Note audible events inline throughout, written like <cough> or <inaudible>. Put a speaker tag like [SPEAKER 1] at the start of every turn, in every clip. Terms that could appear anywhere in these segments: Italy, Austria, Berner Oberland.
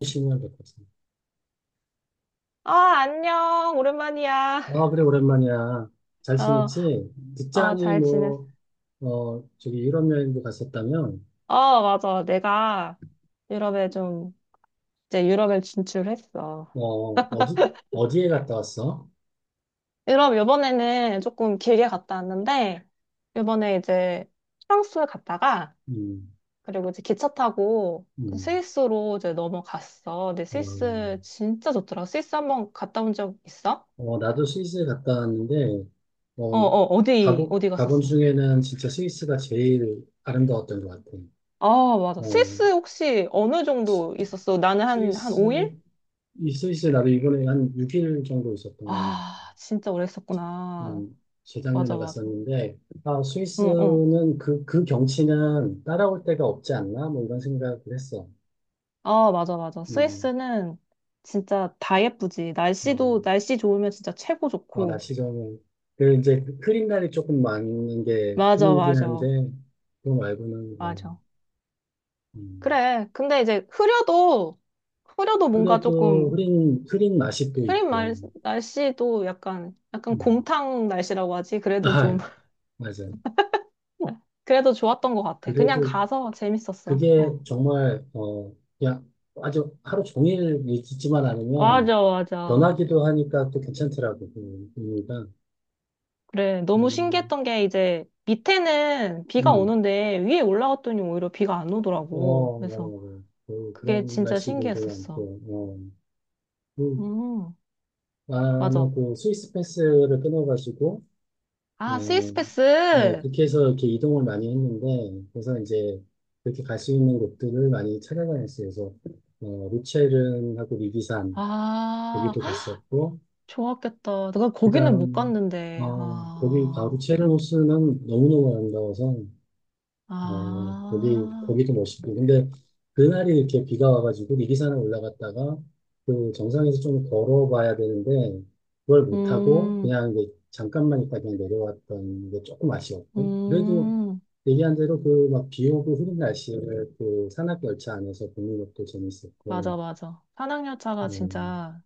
[SPEAKER 1] 1년 됐거든.
[SPEAKER 2] 아, 안녕. 오랜만이야.
[SPEAKER 1] 아, 그래, 오랜만이야. 잘
[SPEAKER 2] <laughs> 어,
[SPEAKER 1] 지냈지?
[SPEAKER 2] 어,
[SPEAKER 1] 듣자니,
[SPEAKER 2] 잘 지냈어.
[SPEAKER 1] 뭐, 저기 유럽 여행도 갔었다면,
[SPEAKER 2] 어, 맞아. 내가 유럽에 좀, 이제 유럽에 진출했어.
[SPEAKER 1] 어, 어디, 어디에 갔다 왔어?
[SPEAKER 2] 유럽 요번에는 조금 길게 갔다 왔는데, 요번에 이제 프랑스 갔다가,
[SPEAKER 1] 음,
[SPEAKER 2] 그리고 이제 기차 타고
[SPEAKER 1] 음,
[SPEAKER 2] 스위스로 이제 넘어갔어. 근데
[SPEAKER 1] 어,
[SPEAKER 2] 스위스 진짜 좋더라. 스위스 한번 갔다 온 적 있어?
[SPEAKER 1] 나도 스위스에 갔다 왔는데,
[SPEAKER 2] 어,
[SPEAKER 1] 어,
[SPEAKER 2] 어,
[SPEAKER 1] 가본,
[SPEAKER 2] 어디
[SPEAKER 1] 가본
[SPEAKER 2] 갔었어?
[SPEAKER 1] 중에는 진짜 스위스가 제일 아름다웠던 것 같아.
[SPEAKER 2] 아, 맞아.
[SPEAKER 1] 어,
[SPEAKER 2] 스위스 혹시 어느 정도 있었어? 나는 한
[SPEAKER 1] 스위스,
[SPEAKER 2] 5일?
[SPEAKER 1] 이 스위스에 나도 이번에 한 6일 정도 있었던,
[SPEAKER 2] 아, 진짜 오래 있었구나.
[SPEAKER 1] 음,
[SPEAKER 2] 맞아,
[SPEAKER 1] 재작년에
[SPEAKER 2] 맞아.
[SPEAKER 1] 갔었는데, 아,
[SPEAKER 2] 응, 응.
[SPEAKER 1] 스위스는 그 경치는 따라올 데가 없지 않나? 뭐 이런 생각을 했어.
[SPEAKER 2] 아, 맞아.
[SPEAKER 1] 음,
[SPEAKER 2] 스위스는 진짜 다 예쁘지.
[SPEAKER 1] 어,
[SPEAKER 2] 날씨도, 날씨 좋으면 진짜 최고
[SPEAKER 1] 어,
[SPEAKER 2] 좋고.
[SPEAKER 1] 날씨 좋으면. 그 이제 그 흐린 날이 조금 많은 게 힘
[SPEAKER 2] 맞아,
[SPEAKER 1] 이긴 한데,
[SPEAKER 2] 맞아,
[SPEAKER 1] 그거 말고는, 뭐,
[SPEAKER 2] 맞아.
[SPEAKER 1] 음,
[SPEAKER 2] 그래. 근데 이제 흐려도, 흐려도 뭔가
[SPEAKER 1] 그래도
[SPEAKER 2] 조금,
[SPEAKER 1] 흐린 맛이 또
[SPEAKER 2] 흐린
[SPEAKER 1] 있고.
[SPEAKER 2] 말, 날씨도 약간, 약간
[SPEAKER 1] 음.
[SPEAKER 2] 곰탕 날씨라고 하지. 그래도 좀,
[SPEAKER 1] 아, 맞아.
[SPEAKER 2] <laughs> 그래도 좋았던 것 같아. 그냥
[SPEAKER 1] 그래도
[SPEAKER 2] 가서 재밌었어.
[SPEAKER 1] 그게
[SPEAKER 2] 어.
[SPEAKER 1] 정말, 그냥 아주 하루 종일 있지만 않으면,
[SPEAKER 2] 맞아, 맞아.
[SPEAKER 1] 변하기도 하니까 또 괜찮더라고, 그 분위기가.
[SPEAKER 2] 그래, 너무
[SPEAKER 1] 음,
[SPEAKER 2] 신기했던 게 이제 밑에는 비가
[SPEAKER 1] 음,
[SPEAKER 2] 오는데 위에 올라갔더니 오히려 비가 안 오더라고.
[SPEAKER 1] 어, 맞아,
[SPEAKER 2] 그래서
[SPEAKER 1] 맞아. 그,
[SPEAKER 2] 그게
[SPEAKER 1] 그런
[SPEAKER 2] 진짜
[SPEAKER 1] 날씨들도
[SPEAKER 2] 신기했었어.
[SPEAKER 1] 많고, 어. 그,
[SPEAKER 2] 음,
[SPEAKER 1] 나는
[SPEAKER 2] 맞아.
[SPEAKER 1] 그 스위스 패스를 끊어가지고,
[SPEAKER 2] 아, 스위스
[SPEAKER 1] 어,
[SPEAKER 2] 패스!
[SPEAKER 1] 그렇게 해서 이렇게 이동을 많이 했는데, 그래서 이제 그렇게 갈 수 있는 곳들을 많이 찾아다녔어요. 그래서, 루체른하고 리비산,
[SPEAKER 2] 아,
[SPEAKER 1] 거기도 갔었고,
[SPEAKER 2] 좋았겠다. 내가
[SPEAKER 1] 그
[SPEAKER 2] 거기는 못
[SPEAKER 1] 다음,
[SPEAKER 2] 갔는데. 아,
[SPEAKER 1] 루체른 호수는 너무너무 아름다워서,
[SPEAKER 2] 아,
[SPEAKER 1] 거기도 멋있고. 근데 그날이 이렇게 비가 와가지고 미리산을 올라갔다가 그 정상에서 좀 걸어봐야 되는데, 그걸 못하고
[SPEAKER 2] 음,
[SPEAKER 1] 그냥 이제 잠깐만 있다 그냥 내려왔던 게 조금 아쉬웠고. 그래도
[SPEAKER 2] 음,
[SPEAKER 1] 얘기한 대로 그 막 비 오고 흐린 날씨를 그 산악열차 안에서 보는 것도 재밌었고.
[SPEAKER 2] 맞아, 맞아. 산악열차가
[SPEAKER 1] 음,
[SPEAKER 2] 진짜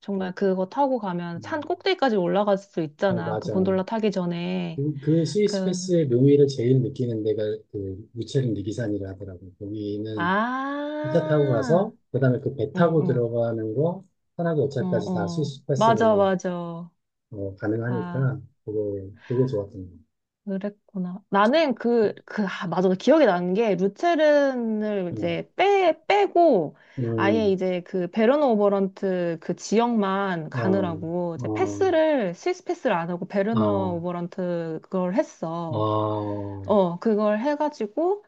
[SPEAKER 2] 정말 그거 타고 가면 산
[SPEAKER 1] 음,
[SPEAKER 2] 꼭대기까지 올라갈 수
[SPEAKER 1] 어,
[SPEAKER 2] 있잖아. 그
[SPEAKER 1] 맞아.
[SPEAKER 2] 곤돌라 타기 전에.
[SPEAKER 1] 그 스위스
[SPEAKER 2] 그
[SPEAKER 1] 패스의 묘미를 제일 느끼는 데가 그 무체린 리기산이라 하더라고. 거기는 기차 타고
[SPEAKER 2] 아,
[SPEAKER 1] 가서 그다음에 그 배
[SPEAKER 2] 응,
[SPEAKER 1] 타고
[SPEAKER 2] 응,
[SPEAKER 1] 들어가는 거, 산악, 도
[SPEAKER 2] 어,
[SPEAKER 1] 열차까지 다
[SPEAKER 2] 어.
[SPEAKER 1] 스위스
[SPEAKER 2] 맞아,
[SPEAKER 1] 패스로
[SPEAKER 2] 맞아. 아,
[SPEAKER 1] 가능하니까 그거 좋았던
[SPEAKER 2] 그랬구나. 나는 그, 그, 아, 맞아. 기억이 나는 게, 루체른을
[SPEAKER 1] 거.
[SPEAKER 2] 이제 빼고, 아예
[SPEAKER 1] 음,
[SPEAKER 2] 이제 그 베르너 오버런트 그 지역만
[SPEAKER 1] 어,
[SPEAKER 2] 가느라고, 이제
[SPEAKER 1] 어,
[SPEAKER 2] 패스를, 스위스 패스를 안 하고 베르너
[SPEAKER 1] 어,
[SPEAKER 2] 오버런트 그걸 했어.
[SPEAKER 1] 어,
[SPEAKER 2] 어, 그걸 해가지고,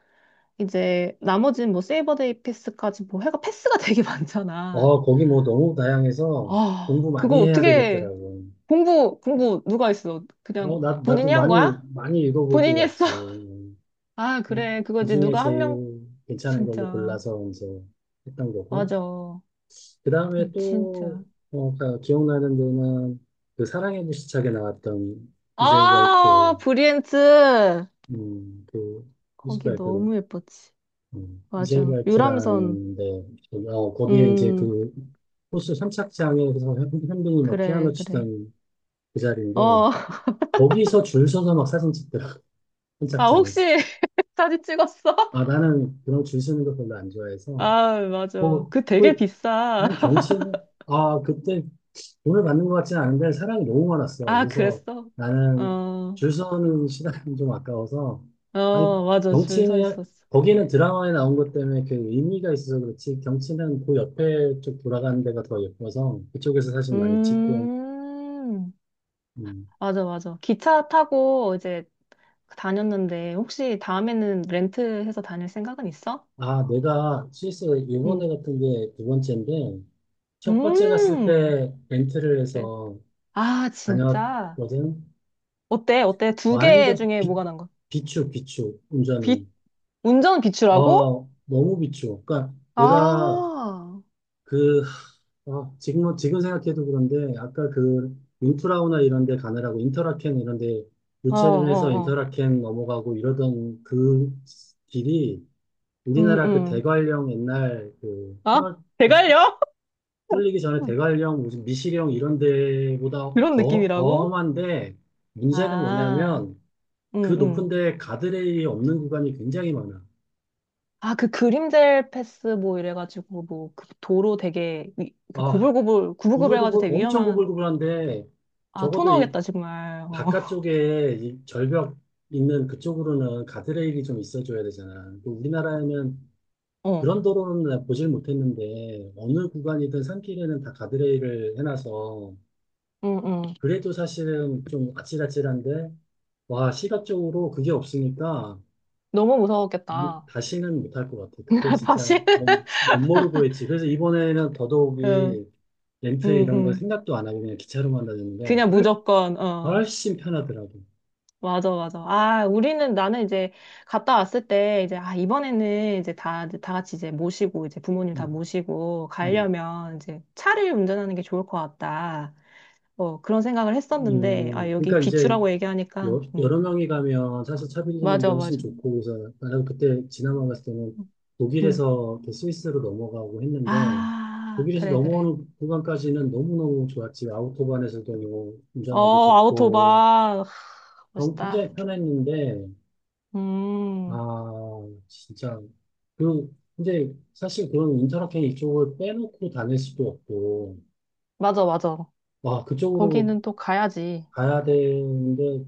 [SPEAKER 2] 이제 나머지는 뭐 세이버데이 패스까지 뭐 해가 패스가 되게 <laughs> 많잖아.
[SPEAKER 1] 어, 거기 뭐 너무 다양해서
[SPEAKER 2] 아,
[SPEAKER 1] 공부
[SPEAKER 2] 그거
[SPEAKER 1] 많이 해야
[SPEAKER 2] 어떻게,
[SPEAKER 1] 되겠더라고.
[SPEAKER 2] 공부 누가 했어? 그냥
[SPEAKER 1] 어, 나 나도
[SPEAKER 2] 본인이 한
[SPEAKER 1] 많이
[SPEAKER 2] 거야?
[SPEAKER 1] 많이 읽어보고
[SPEAKER 2] 본인이 했어.
[SPEAKER 1] 갔지.
[SPEAKER 2] <laughs> 아,
[SPEAKER 1] 그,
[SPEAKER 2] 그래. 그거지.
[SPEAKER 1] 그중에
[SPEAKER 2] 누가 한 명,
[SPEAKER 1] 제일 괜찮은 걸로
[SPEAKER 2] 진짜.
[SPEAKER 1] 골라서 이제 했던 거고.
[SPEAKER 2] 맞아.
[SPEAKER 1] 그 다음에
[SPEAKER 2] 진짜.
[SPEAKER 1] 또, 기억나는 데는 그 사랑의 불시착에 나왔던 이젤
[SPEAKER 2] 아,
[SPEAKER 1] 화이트,
[SPEAKER 2] 브리엔트.
[SPEAKER 1] 그,
[SPEAKER 2] 거기
[SPEAKER 1] 뭐랄까, 그,
[SPEAKER 2] 너무 예뻤지.
[SPEAKER 1] 이젤
[SPEAKER 2] 맞아. 유람선.
[SPEAKER 1] 화이트라는 데, 거기에 이제
[SPEAKER 2] 음,
[SPEAKER 1] 그 호수 선착장에서 현빈이 막 피아노
[SPEAKER 2] 그래.
[SPEAKER 1] 치던 그 자리인데,
[SPEAKER 2] 어, <laughs>
[SPEAKER 1] 거기서 줄 서서 막 사진 찍더라, <laughs>
[SPEAKER 2] 아,
[SPEAKER 1] 선착장에서.
[SPEAKER 2] 혹시 <laughs> 사진 찍었어?
[SPEAKER 1] 아, 나는 그런 줄 서는 거 별로 안 좋아해서,
[SPEAKER 2] 아, 맞아.
[SPEAKER 1] 뭐,
[SPEAKER 2] 그 되게
[SPEAKER 1] 그,
[SPEAKER 2] 비싸.
[SPEAKER 1] 아니,
[SPEAKER 2] <laughs>
[SPEAKER 1] 경치는, 아, 그때 돈을 받는 것 같지는 않은데 사람이 너무 많았어.
[SPEAKER 2] 아,
[SPEAKER 1] 그래서
[SPEAKER 2] 그랬어?
[SPEAKER 1] 나는
[SPEAKER 2] 어,
[SPEAKER 1] 줄 서는 시간이 좀 아까워서, 아니,
[SPEAKER 2] 어, 맞아. 줄 서
[SPEAKER 1] 경치는,
[SPEAKER 2] 있었어.
[SPEAKER 1] 거기는 드라마에 나온 것 때문에 그 의미가 있어서 그렇지, 경치는 그 옆에 쪽 돌아가는 데가 더 예뻐서 그쪽에서 사진 많이 찍고.
[SPEAKER 2] 음.
[SPEAKER 1] 음.
[SPEAKER 2] 맞아, 맞아. 기차 타고 이제 다녔는데, 혹시 다음에는 렌트해서 다닐 생각은 있어?
[SPEAKER 1] 아, 내가 스위스
[SPEAKER 2] 응.
[SPEAKER 1] 이번에 같은 게 두 번째인데, 첫 번째 갔을
[SPEAKER 2] 음.
[SPEAKER 1] 때 렌트를
[SPEAKER 2] 그래.
[SPEAKER 1] 해서
[SPEAKER 2] 아, 진짜.
[SPEAKER 1] 다녔거든.
[SPEAKER 2] 어때? 어때? 두 개
[SPEAKER 1] 완전
[SPEAKER 2] 중에 뭐가 난 거?
[SPEAKER 1] 비추 비추.
[SPEAKER 2] 비,
[SPEAKER 1] 운전은
[SPEAKER 2] 운전 비추라고?
[SPEAKER 1] 너무 비추. 그러니까
[SPEAKER 2] 아,
[SPEAKER 1] 내가,
[SPEAKER 2] 어,
[SPEAKER 1] 그, 지금 생각해도 그런데, 아까 그 윈프라우나 이런 데 가느라고 인터라켄 이런 데,
[SPEAKER 2] 어,
[SPEAKER 1] 유채림에서
[SPEAKER 2] 어.
[SPEAKER 1] 인터라켄 넘어가고 이러던 그 길이,
[SPEAKER 2] 음,
[SPEAKER 1] 우리나라 그
[SPEAKER 2] 음.
[SPEAKER 1] 대관령 옛날 그
[SPEAKER 2] 아,
[SPEAKER 1] 터널, 어,
[SPEAKER 2] 대갈려? <laughs>
[SPEAKER 1] 뚫리기 전에 대관령 무슨 미시령 이런 데보다
[SPEAKER 2] 그런
[SPEAKER 1] 더
[SPEAKER 2] 느낌이라고?
[SPEAKER 1] 험한데, 문제는
[SPEAKER 2] 아,
[SPEAKER 1] 뭐냐면 그
[SPEAKER 2] 응,
[SPEAKER 1] 높은
[SPEAKER 2] 응.
[SPEAKER 1] 데 가드레일이 없는 구간이 굉장히 많아.
[SPEAKER 2] 아, 그 그림젤 패스 뭐 이래가지고 뭐 그 도로 되게 위, 그
[SPEAKER 1] 아,
[SPEAKER 2] 고불고불 구불구불 해가지고
[SPEAKER 1] 구불구불,
[SPEAKER 2] 되게
[SPEAKER 1] 엄청
[SPEAKER 2] 위험한
[SPEAKER 1] 구불구불한데,
[SPEAKER 2] 아, 아, 토
[SPEAKER 1] 적어도 이
[SPEAKER 2] 나오겠다, 정말. 어.
[SPEAKER 1] 바깥쪽에 이 절벽 있는 그쪽으로는 가드레일이 좀 있어줘야 되잖아. 그 우리나라에는
[SPEAKER 2] 어.
[SPEAKER 1] 그런 도로는 나 보질 못했는데, 어느 구간이든 산길에는 다 가드레일을 해놔서,
[SPEAKER 2] 응, 응.
[SPEAKER 1] 그래도 사실은 좀 아찔아찔한데, 와, 시각적으로 그게 없으니까,
[SPEAKER 2] 너무
[SPEAKER 1] 난
[SPEAKER 2] 무서웠겠다.
[SPEAKER 1] 다시는 못할 것 같아. 그때
[SPEAKER 2] <laughs>
[SPEAKER 1] 진짜
[SPEAKER 2] 다시?
[SPEAKER 1] 못 모르고 했지. 그래서 이번에는
[SPEAKER 2] 응,
[SPEAKER 1] 더더욱이
[SPEAKER 2] 응,
[SPEAKER 1] 렌트 이런 걸
[SPEAKER 2] 응.
[SPEAKER 1] 생각도 안 하고 그냥 기차로만 다녔는데
[SPEAKER 2] 그냥 무조건, 어.
[SPEAKER 1] 훨씬 편하더라고.
[SPEAKER 2] 맞아, 맞아. 아, 우리는, 나는 이제 갔다 왔을 때, 이제, 아, 이번에는 이제 다 같이 이제 모시고, 이제 부모님 다
[SPEAKER 1] 음,
[SPEAKER 2] 모시고,
[SPEAKER 1] 음,
[SPEAKER 2] 가려면 이제 차를 운전하는 게 좋을 것 같다. 어, 그런 생각을 했었는데, 아, 여기
[SPEAKER 1] 그러니까 이제
[SPEAKER 2] 비추라고 얘기하니까,
[SPEAKER 1] 여,
[SPEAKER 2] 응.
[SPEAKER 1] 여러 명이 가면 사실 차별리는 게
[SPEAKER 2] 맞아,
[SPEAKER 1] 훨씬
[SPEAKER 2] 맞아.
[SPEAKER 1] 좋고, 그래서 나는 그때 지나만 갔을 때는
[SPEAKER 2] 응. 응.
[SPEAKER 1] 독일에서 이렇게 스위스로 넘어가고 했는데,
[SPEAKER 2] 아,
[SPEAKER 1] 독일에서
[SPEAKER 2] 그래.
[SPEAKER 1] 넘어오는 구간까지는 너무너무 좋았지. 아우토반에서도 뭐
[SPEAKER 2] 어,
[SPEAKER 1] 운전하기 좋고
[SPEAKER 2] 아우토반. 하,
[SPEAKER 1] 너무
[SPEAKER 2] 멋있다.
[SPEAKER 1] 굉장히 편했는데,
[SPEAKER 2] 음,
[SPEAKER 1] 아, 진짜. 그 근데 사실 그런 인터라켄 이쪽을 빼놓고 다닐 수도 없고,
[SPEAKER 2] 맞아, 맞아.
[SPEAKER 1] 와, 그쪽으로
[SPEAKER 2] 거기는 또 가야지.
[SPEAKER 1] 가야 되는데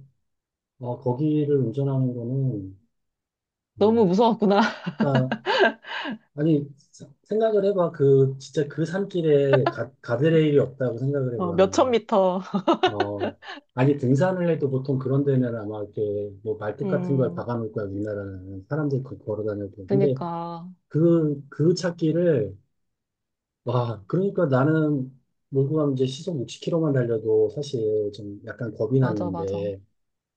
[SPEAKER 1] 거기를 운전하는 거는,
[SPEAKER 2] 너무
[SPEAKER 1] 어,
[SPEAKER 2] 무서웠구나. <laughs>
[SPEAKER 1] 그러니까, 아니, 생각을 해봐. 그, 진짜 그 산길에 가드레일이 없다고 생각을
[SPEAKER 2] 어,
[SPEAKER 1] 해봐.
[SPEAKER 2] 몇천 미터.
[SPEAKER 1] 어, 아니, 등산을 해도 보통 그런 데는 아마 이렇게, 뭐, 말뚝 같은 걸
[SPEAKER 2] 음,
[SPEAKER 1] 박아놓을 거야, 우리나라는. 사람들이 그 걸어 다녀도. 근데
[SPEAKER 2] 그니까.
[SPEAKER 1] 그 찾기를, 와, 그러니까 나는 몰고 가면 이제 시속 60km만 달려도 사실 좀 약간 겁이
[SPEAKER 2] 맞아, 맞아.
[SPEAKER 1] 났는데,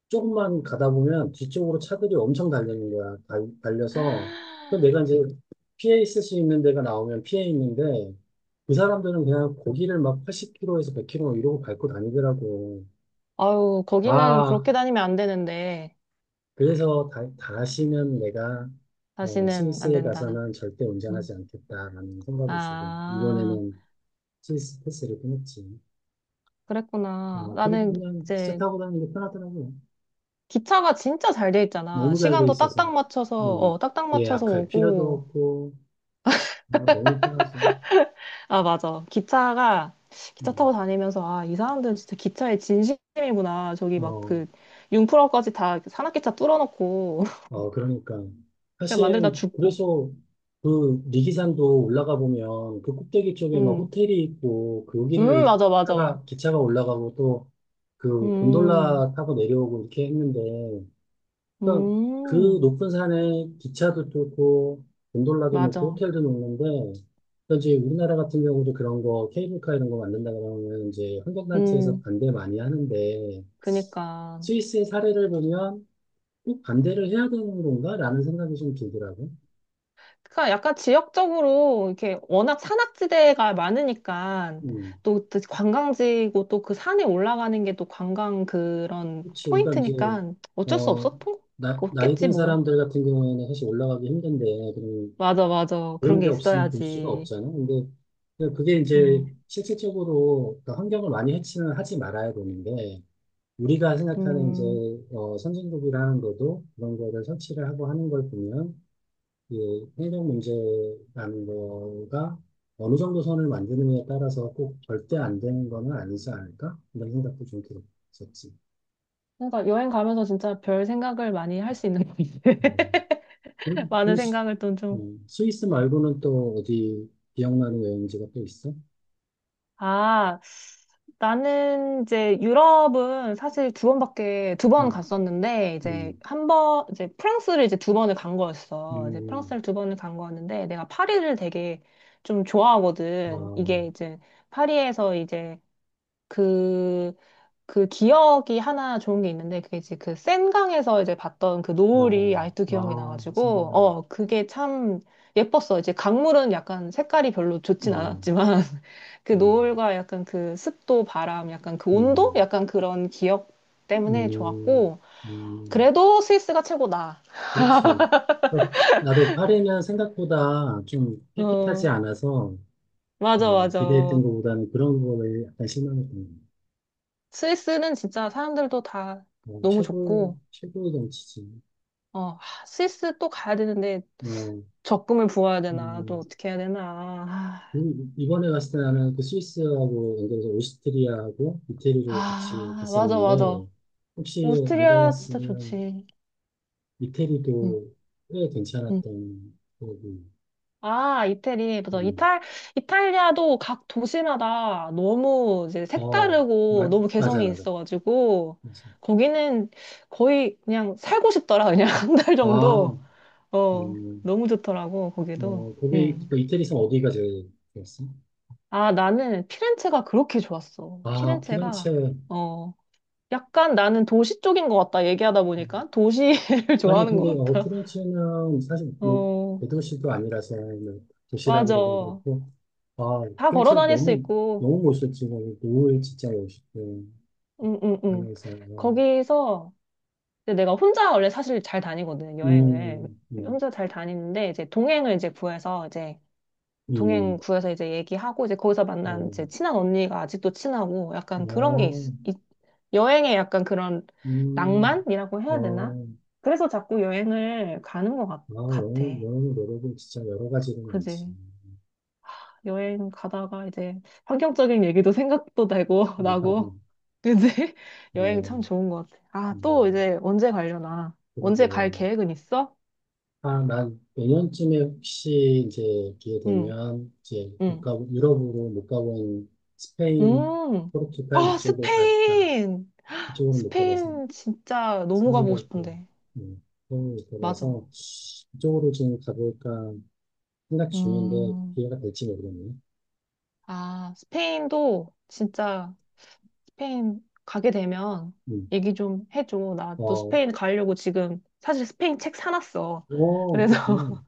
[SPEAKER 1] 조금만 가다 보면 뒤쪽으로 차들이 엄청 달리는 거야. 달려서. 그 내가 이제 피해 있을 수 있는 데가 나오면 피해 있는데, 그 사람들은 그냥 고기를 막 80km에서 100km 이러고 밟고 다니더라고.
[SPEAKER 2] 아유, 거기는
[SPEAKER 1] 아,
[SPEAKER 2] 그렇게 다니면 안 되는데,
[SPEAKER 1] 그래서 다시는 내가
[SPEAKER 2] 다시는 안
[SPEAKER 1] 스위스에
[SPEAKER 2] 된다.
[SPEAKER 1] 가서는 절대
[SPEAKER 2] 음.
[SPEAKER 1] 운전하지 않겠다라는 생각이 있어서,
[SPEAKER 2] 아,
[SPEAKER 1] 이번에는 스위스 패스를 끊었지.
[SPEAKER 2] 그랬구나.
[SPEAKER 1] 그리고
[SPEAKER 2] 나는
[SPEAKER 1] 그냥 기차
[SPEAKER 2] 이제
[SPEAKER 1] 타고 다니는 게 편하더라고요.
[SPEAKER 2] 기차가 진짜 잘 돼 있잖아.
[SPEAKER 1] 너무 잘 돼
[SPEAKER 2] 시간도
[SPEAKER 1] 있어서.
[SPEAKER 2] 딱딱 맞춰서, 어,
[SPEAKER 1] 음,
[SPEAKER 2] 딱딱 맞춰서
[SPEAKER 1] 예약할 필요도
[SPEAKER 2] 오고,
[SPEAKER 1] 없고, 아, 너무 편하지.
[SPEAKER 2] 아, 맞아. 기차가, 기차
[SPEAKER 1] 음.
[SPEAKER 2] 타고 다니면서, 아, 이 사람들은 진짜 기차에 진심이구나. 저기 막
[SPEAKER 1] 어,
[SPEAKER 2] 그, 융프라까지 다 산악기차 뚫어놓고, <laughs>
[SPEAKER 1] 어, 그러니까,
[SPEAKER 2] 그냥
[SPEAKER 1] 사실,
[SPEAKER 2] 만들다 죽고.
[SPEAKER 1] 그래서 그 리기산도 올라가 보면 그 꼭대기 쪽에 막
[SPEAKER 2] 음,
[SPEAKER 1] 호텔이 있고, 거기를
[SPEAKER 2] 맞아, 맞아.
[SPEAKER 1] 기차가 올라가고, 또 그
[SPEAKER 2] 음,
[SPEAKER 1] 곤돌라 타고 내려오고 이렇게 했는데, 그러니까 그
[SPEAKER 2] 음,
[SPEAKER 1] 높은 산에 기차도 뚫고 곤돌라도 놓고
[SPEAKER 2] 맞아.
[SPEAKER 1] 호텔도 놓는데, 그 이제 우리나라 같은 경우도 그런 거 케이블카 이런 거 만든다 그러면 이제 환경단체에서
[SPEAKER 2] 음,
[SPEAKER 1] 반대 많이 하는데,
[SPEAKER 2] 그니까.
[SPEAKER 1] 스위스의 사례를 보면 꼭 반대를 해야 되는 건가라는 생각이 좀 들더라고.
[SPEAKER 2] 그러니까 약간 지역적으로 이렇게 워낙 산악지대가 많으니까
[SPEAKER 1] 음,
[SPEAKER 2] 또, 또 관광지고 또 그 산에 올라가는 게 또 관광 그런
[SPEAKER 1] 그렇지. 그러니까 이제
[SPEAKER 2] 포인트니까 어쩔 수
[SPEAKER 1] 어
[SPEAKER 2] 없었던
[SPEAKER 1] 나이
[SPEAKER 2] 없겠지
[SPEAKER 1] 든
[SPEAKER 2] 뭐.
[SPEAKER 1] 사람들 같은 경우에는 사실 올라가기 힘든데, 그럼
[SPEAKER 2] 맞아, 맞아. 그런
[SPEAKER 1] 그런
[SPEAKER 2] 게
[SPEAKER 1] 게 없으면 볼 수가
[SPEAKER 2] 있어야지.
[SPEAKER 1] 없잖아. 근데 그게 이제
[SPEAKER 2] 음,
[SPEAKER 1] 실질적으로 그 환경을 많이 해치는 하지 말아야 되는데, 우리가 생각하는 이제,
[SPEAKER 2] 음.
[SPEAKER 1] 선진국이라는 것도 그런 거를 설치를 하고 하는 걸 보면, 이 환경 문제라는 거가 어느 정도 선을 만드느냐에 따라서 꼭 절대 안 되는 거는 아니지 않을까? 이런 생각도 좀 들었었지.
[SPEAKER 2] 그러니까 여행 가면서 진짜 별 생각을 많이 할 수 있는 것 같아. <laughs>
[SPEAKER 1] 음. 그럼
[SPEAKER 2] 많은 생각을 또 좀.
[SPEAKER 1] 스위스 말고는 또 어디 기억나는 여행지가 또 있어?
[SPEAKER 2] 아, 나는 이제 유럽은 사실 두 번밖에, 두 번
[SPEAKER 1] 음,
[SPEAKER 2] 갔었는데, 이제
[SPEAKER 1] 음,
[SPEAKER 2] 한 번, 이제 프랑스를 이제 두 번을 간 거였어. 이제
[SPEAKER 1] 음,
[SPEAKER 2] 프랑스를 두 번을 간 거였는데, 내가 파리를 되게 좀 좋아하거든.
[SPEAKER 1] 어,
[SPEAKER 2] 이게 이제 파리에서 이제 그 그 기억이 하나 좋은 게 있는데 그게 이제 그 센강에서 이제 봤던 그 노을이
[SPEAKER 1] 어,
[SPEAKER 2] 아직도 기억이
[SPEAKER 1] 아,
[SPEAKER 2] 나가지고
[SPEAKER 1] 생각,
[SPEAKER 2] 어 그게 참 예뻤어. 이제 강물은 약간 색깔이 별로 좋진
[SPEAKER 1] 어,
[SPEAKER 2] 않았지만 <laughs> 그
[SPEAKER 1] 음,
[SPEAKER 2] 노을과 약간 그 습도, 바람, 약간 그 온도,
[SPEAKER 1] 음,
[SPEAKER 2] 약간 그런 기억 때문에
[SPEAKER 1] 음,
[SPEAKER 2] 좋았고
[SPEAKER 1] 음,
[SPEAKER 2] 그래도 스위스가 최고다.
[SPEAKER 1] 그렇지. 어, 나도 파리는 생각보다 좀 깨끗하지
[SPEAKER 2] 어
[SPEAKER 1] 않아서,
[SPEAKER 2] 맞아
[SPEAKER 1] 기대했던
[SPEAKER 2] 맞아.
[SPEAKER 1] 것보다는 그런 거에 약간 실망했던
[SPEAKER 2] 스위스는 진짜 사람들도 다
[SPEAKER 1] 거.
[SPEAKER 2] 너무 좋고.
[SPEAKER 1] 최고의 정치지.
[SPEAKER 2] 어, 하, 스위스 또 가야 되는데
[SPEAKER 1] 어,
[SPEAKER 2] 적금을 부어야 되나?
[SPEAKER 1] 음,
[SPEAKER 2] 또 어떻게 해야 되나? 아,
[SPEAKER 1] 그리고 이번에 갔을 때 나는 그 스위스하고 연결해서 오스트리아하고 이태리로 같이
[SPEAKER 2] 아, 맞아, 맞아.
[SPEAKER 1] 갔었는데, 혹시 안
[SPEAKER 2] 오스트리아 진짜
[SPEAKER 1] 가봤으면
[SPEAKER 2] 좋지. 응,
[SPEAKER 1] 이태리도 꽤
[SPEAKER 2] 응.
[SPEAKER 1] 괜찮았던 거고.
[SPEAKER 2] 아, 이태리. 맞아.
[SPEAKER 1] 음.
[SPEAKER 2] 이탈, 이탈리아도 각 도시마다 너무 이제
[SPEAKER 1] 어,
[SPEAKER 2] 색다르고 너무
[SPEAKER 1] 맞아,
[SPEAKER 2] 개성이
[SPEAKER 1] 맞아.
[SPEAKER 2] 있어가지고
[SPEAKER 1] 맞아.
[SPEAKER 2] 거기는 거의 그냥 살고 싶더라. 그냥 <laughs> 한 달
[SPEAKER 1] 아,
[SPEAKER 2] 정도. 어,
[SPEAKER 1] 음,
[SPEAKER 2] 너무 좋더라고, 거기도. 응.
[SPEAKER 1] 그 이태리에서 어디가 제일 좋았어?
[SPEAKER 2] 아, 나는 피렌체가 그렇게 좋았어.
[SPEAKER 1] 아, 피렌체.
[SPEAKER 2] 피렌체가. 어. 약간 나는 도시 쪽인 것 같다. 얘기하다
[SPEAKER 1] 음.
[SPEAKER 2] 보니까 도시를 <laughs>
[SPEAKER 1] 아니,
[SPEAKER 2] 좋아하는
[SPEAKER 1] 근데,
[SPEAKER 2] 것 같다.
[SPEAKER 1] 피렌체는 사실 뭐,
[SPEAKER 2] 어,
[SPEAKER 1] 대도시도 아니라서, 뭐, 도시라
[SPEAKER 2] 맞아.
[SPEAKER 1] 그러긴 그렇고, 아,
[SPEAKER 2] 다 걸어
[SPEAKER 1] 피렌체
[SPEAKER 2] 다닐 수
[SPEAKER 1] 너무,
[SPEAKER 2] 있고,
[SPEAKER 1] 너무 멋있었지. 거기 노을 진짜 멋있고,
[SPEAKER 2] 응, 응, 응.
[SPEAKER 1] 하면서,
[SPEAKER 2] 거기서 이제 내가 혼자 원래 사실 잘 다니거든, 여행을.
[SPEAKER 1] 음, 음,
[SPEAKER 2] 혼자 잘 다니는데 이제 동행을 이제 구해서 이제 동행
[SPEAKER 1] 음,
[SPEAKER 2] 구해서 이제 얘기하고 이제 거기서 만난
[SPEAKER 1] 어,
[SPEAKER 2] 이제 친한 언니가 아직도 친하고 약간 그런 게 있,
[SPEAKER 1] 어.
[SPEAKER 2] 있, 여행에 약간 그런
[SPEAKER 1] 음,
[SPEAKER 2] 낭만이라고 해야 되나?
[SPEAKER 1] 어,
[SPEAKER 2] 그래서 자꾸 여행을 가는 것
[SPEAKER 1] 아,
[SPEAKER 2] 같아.
[SPEAKER 1] 영어 노력이 진짜 여러 가지로 많지.
[SPEAKER 2] 그지? 여행 가다가 이제 환경적인 얘기도 생각도 되고 <laughs>
[SPEAKER 1] 못하고,
[SPEAKER 2] 나고 이제 <laughs> 여행 참
[SPEAKER 1] 어,
[SPEAKER 2] 좋은 것 같아. 아, 또
[SPEAKER 1] 음,
[SPEAKER 2] 이제 언제 가려나? 언제 갈
[SPEAKER 1] 그러고,
[SPEAKER 2] 계획은 있어?
[SPEAKER 1] 아, 난 내년쯤에 혹시 이제 기회
[SPEAKER 2] 응,
[SPEAKER 1] 되면, 이제 못
[SPEAKER 2] 응,
[SPEAKER 1] 가고, 유럽으로 못 가본 스페인,
[SPEAKER 2] 음.
[SPEAKER 1] 포르투갈
[SPEAKER 2] 아,
[SPEAKER 1] 이쪽을 갔다.
[SPEAKER 2] 스페인!
[SPEAKER 1] 이쪽으로 못 가봐서,
[SPEAKER 2] 스페인 진짜 너무 가보고
[SPEAKER 1] 서유럽고,
[SPEAKER 2] 싶은데.
[SPEAKER 1] 음, 서울을 못 가봐서,
[SPEAKER 2] 맞아.
[SPEAKER 1] 이쪽으로 좀 가볼까 생각 중인데,
[SPEAKER 2] 음.
[SPEAKER 1] 기회가 될지 모르겠네.
[SPEAKER 2] 아, 스페인도 진짜 스페인 가게 되면
[SPEAKER 1] 음.
[SPEAKER 2] 얘기 좀 해줘. 나 또
[SPEAKER 1] 어,
[SPEAKER 2] 스페인 가려고 지금 사실 스페인 책 사놨어.
[SPEAKER 1] 오,
[SPEAKER 2] 그래서
[SPEAKER 1] 그렇구나.
[SPEAKER 2] <laughs>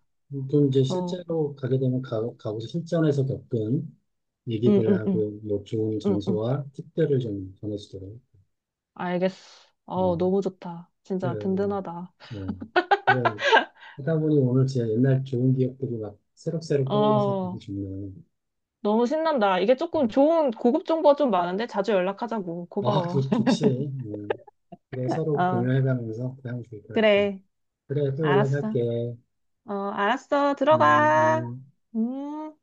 [SPEAKER 1] 그럼 이제
[SPEAKER 2] 어.
[SPEAKER 1] 실제로 가게 되면 가고 실전에서 겪은
[SPEAKER 2] 응, 응, 응,
[SPEAKER 1] 얘기들하고 뭐 좋은
[SPEAKER 2] 응, 응.
[SPEAKER 1] 장소와 팁들을 좀 전해주더라고요.
[SPEAKER 2] 알겠어.
[SPEAKER 1] 어,
[SPEAKER 2] 어, 너무 좋다. 진짜
[SPEAKER 1] 그래,
[SPEAKER 2] 든든하다.
[SPEAKER 1] 어, 그래. 하다 보니 오늘 진짜 옛날 좋은 기억들이 막 새록새록 떠올라서 되게
[SPEAKER 2] 어,
[SPEAKER 1] 좋네요.
[SPEAKER 2] 너무 신난다. 이게 조금
[SPEAKER 1] 음.
[SPEAKER 2] 좋은 고급 정보가 좀 많은데 자주 연락하자고.
[SPEAKER 1] 아,
[SPEAKER 2] 고마워.
[SPEAKER 1] 그, 좋지. 음. 그래,
[SPEAKER 2] <laughs>
[SPEAKER 1] 서로
[SPEAKER 2] 어,
[SPEAKER 1] 공유해가면서 그냥 좋을 것 같아.
[SPEAKER 2] 그래.
[SPEAKER 1] 그래, 또
[SPEAKER 2] 알았어.
[SPEAKER 1] 연락할게.
[SPEAKER 2] 어, 알았어.
[SPEAKER 1] 음,
[SPEAKER 2] 들어가.
[SPEAKER 1] 음.
[SPEAKER 2] 음.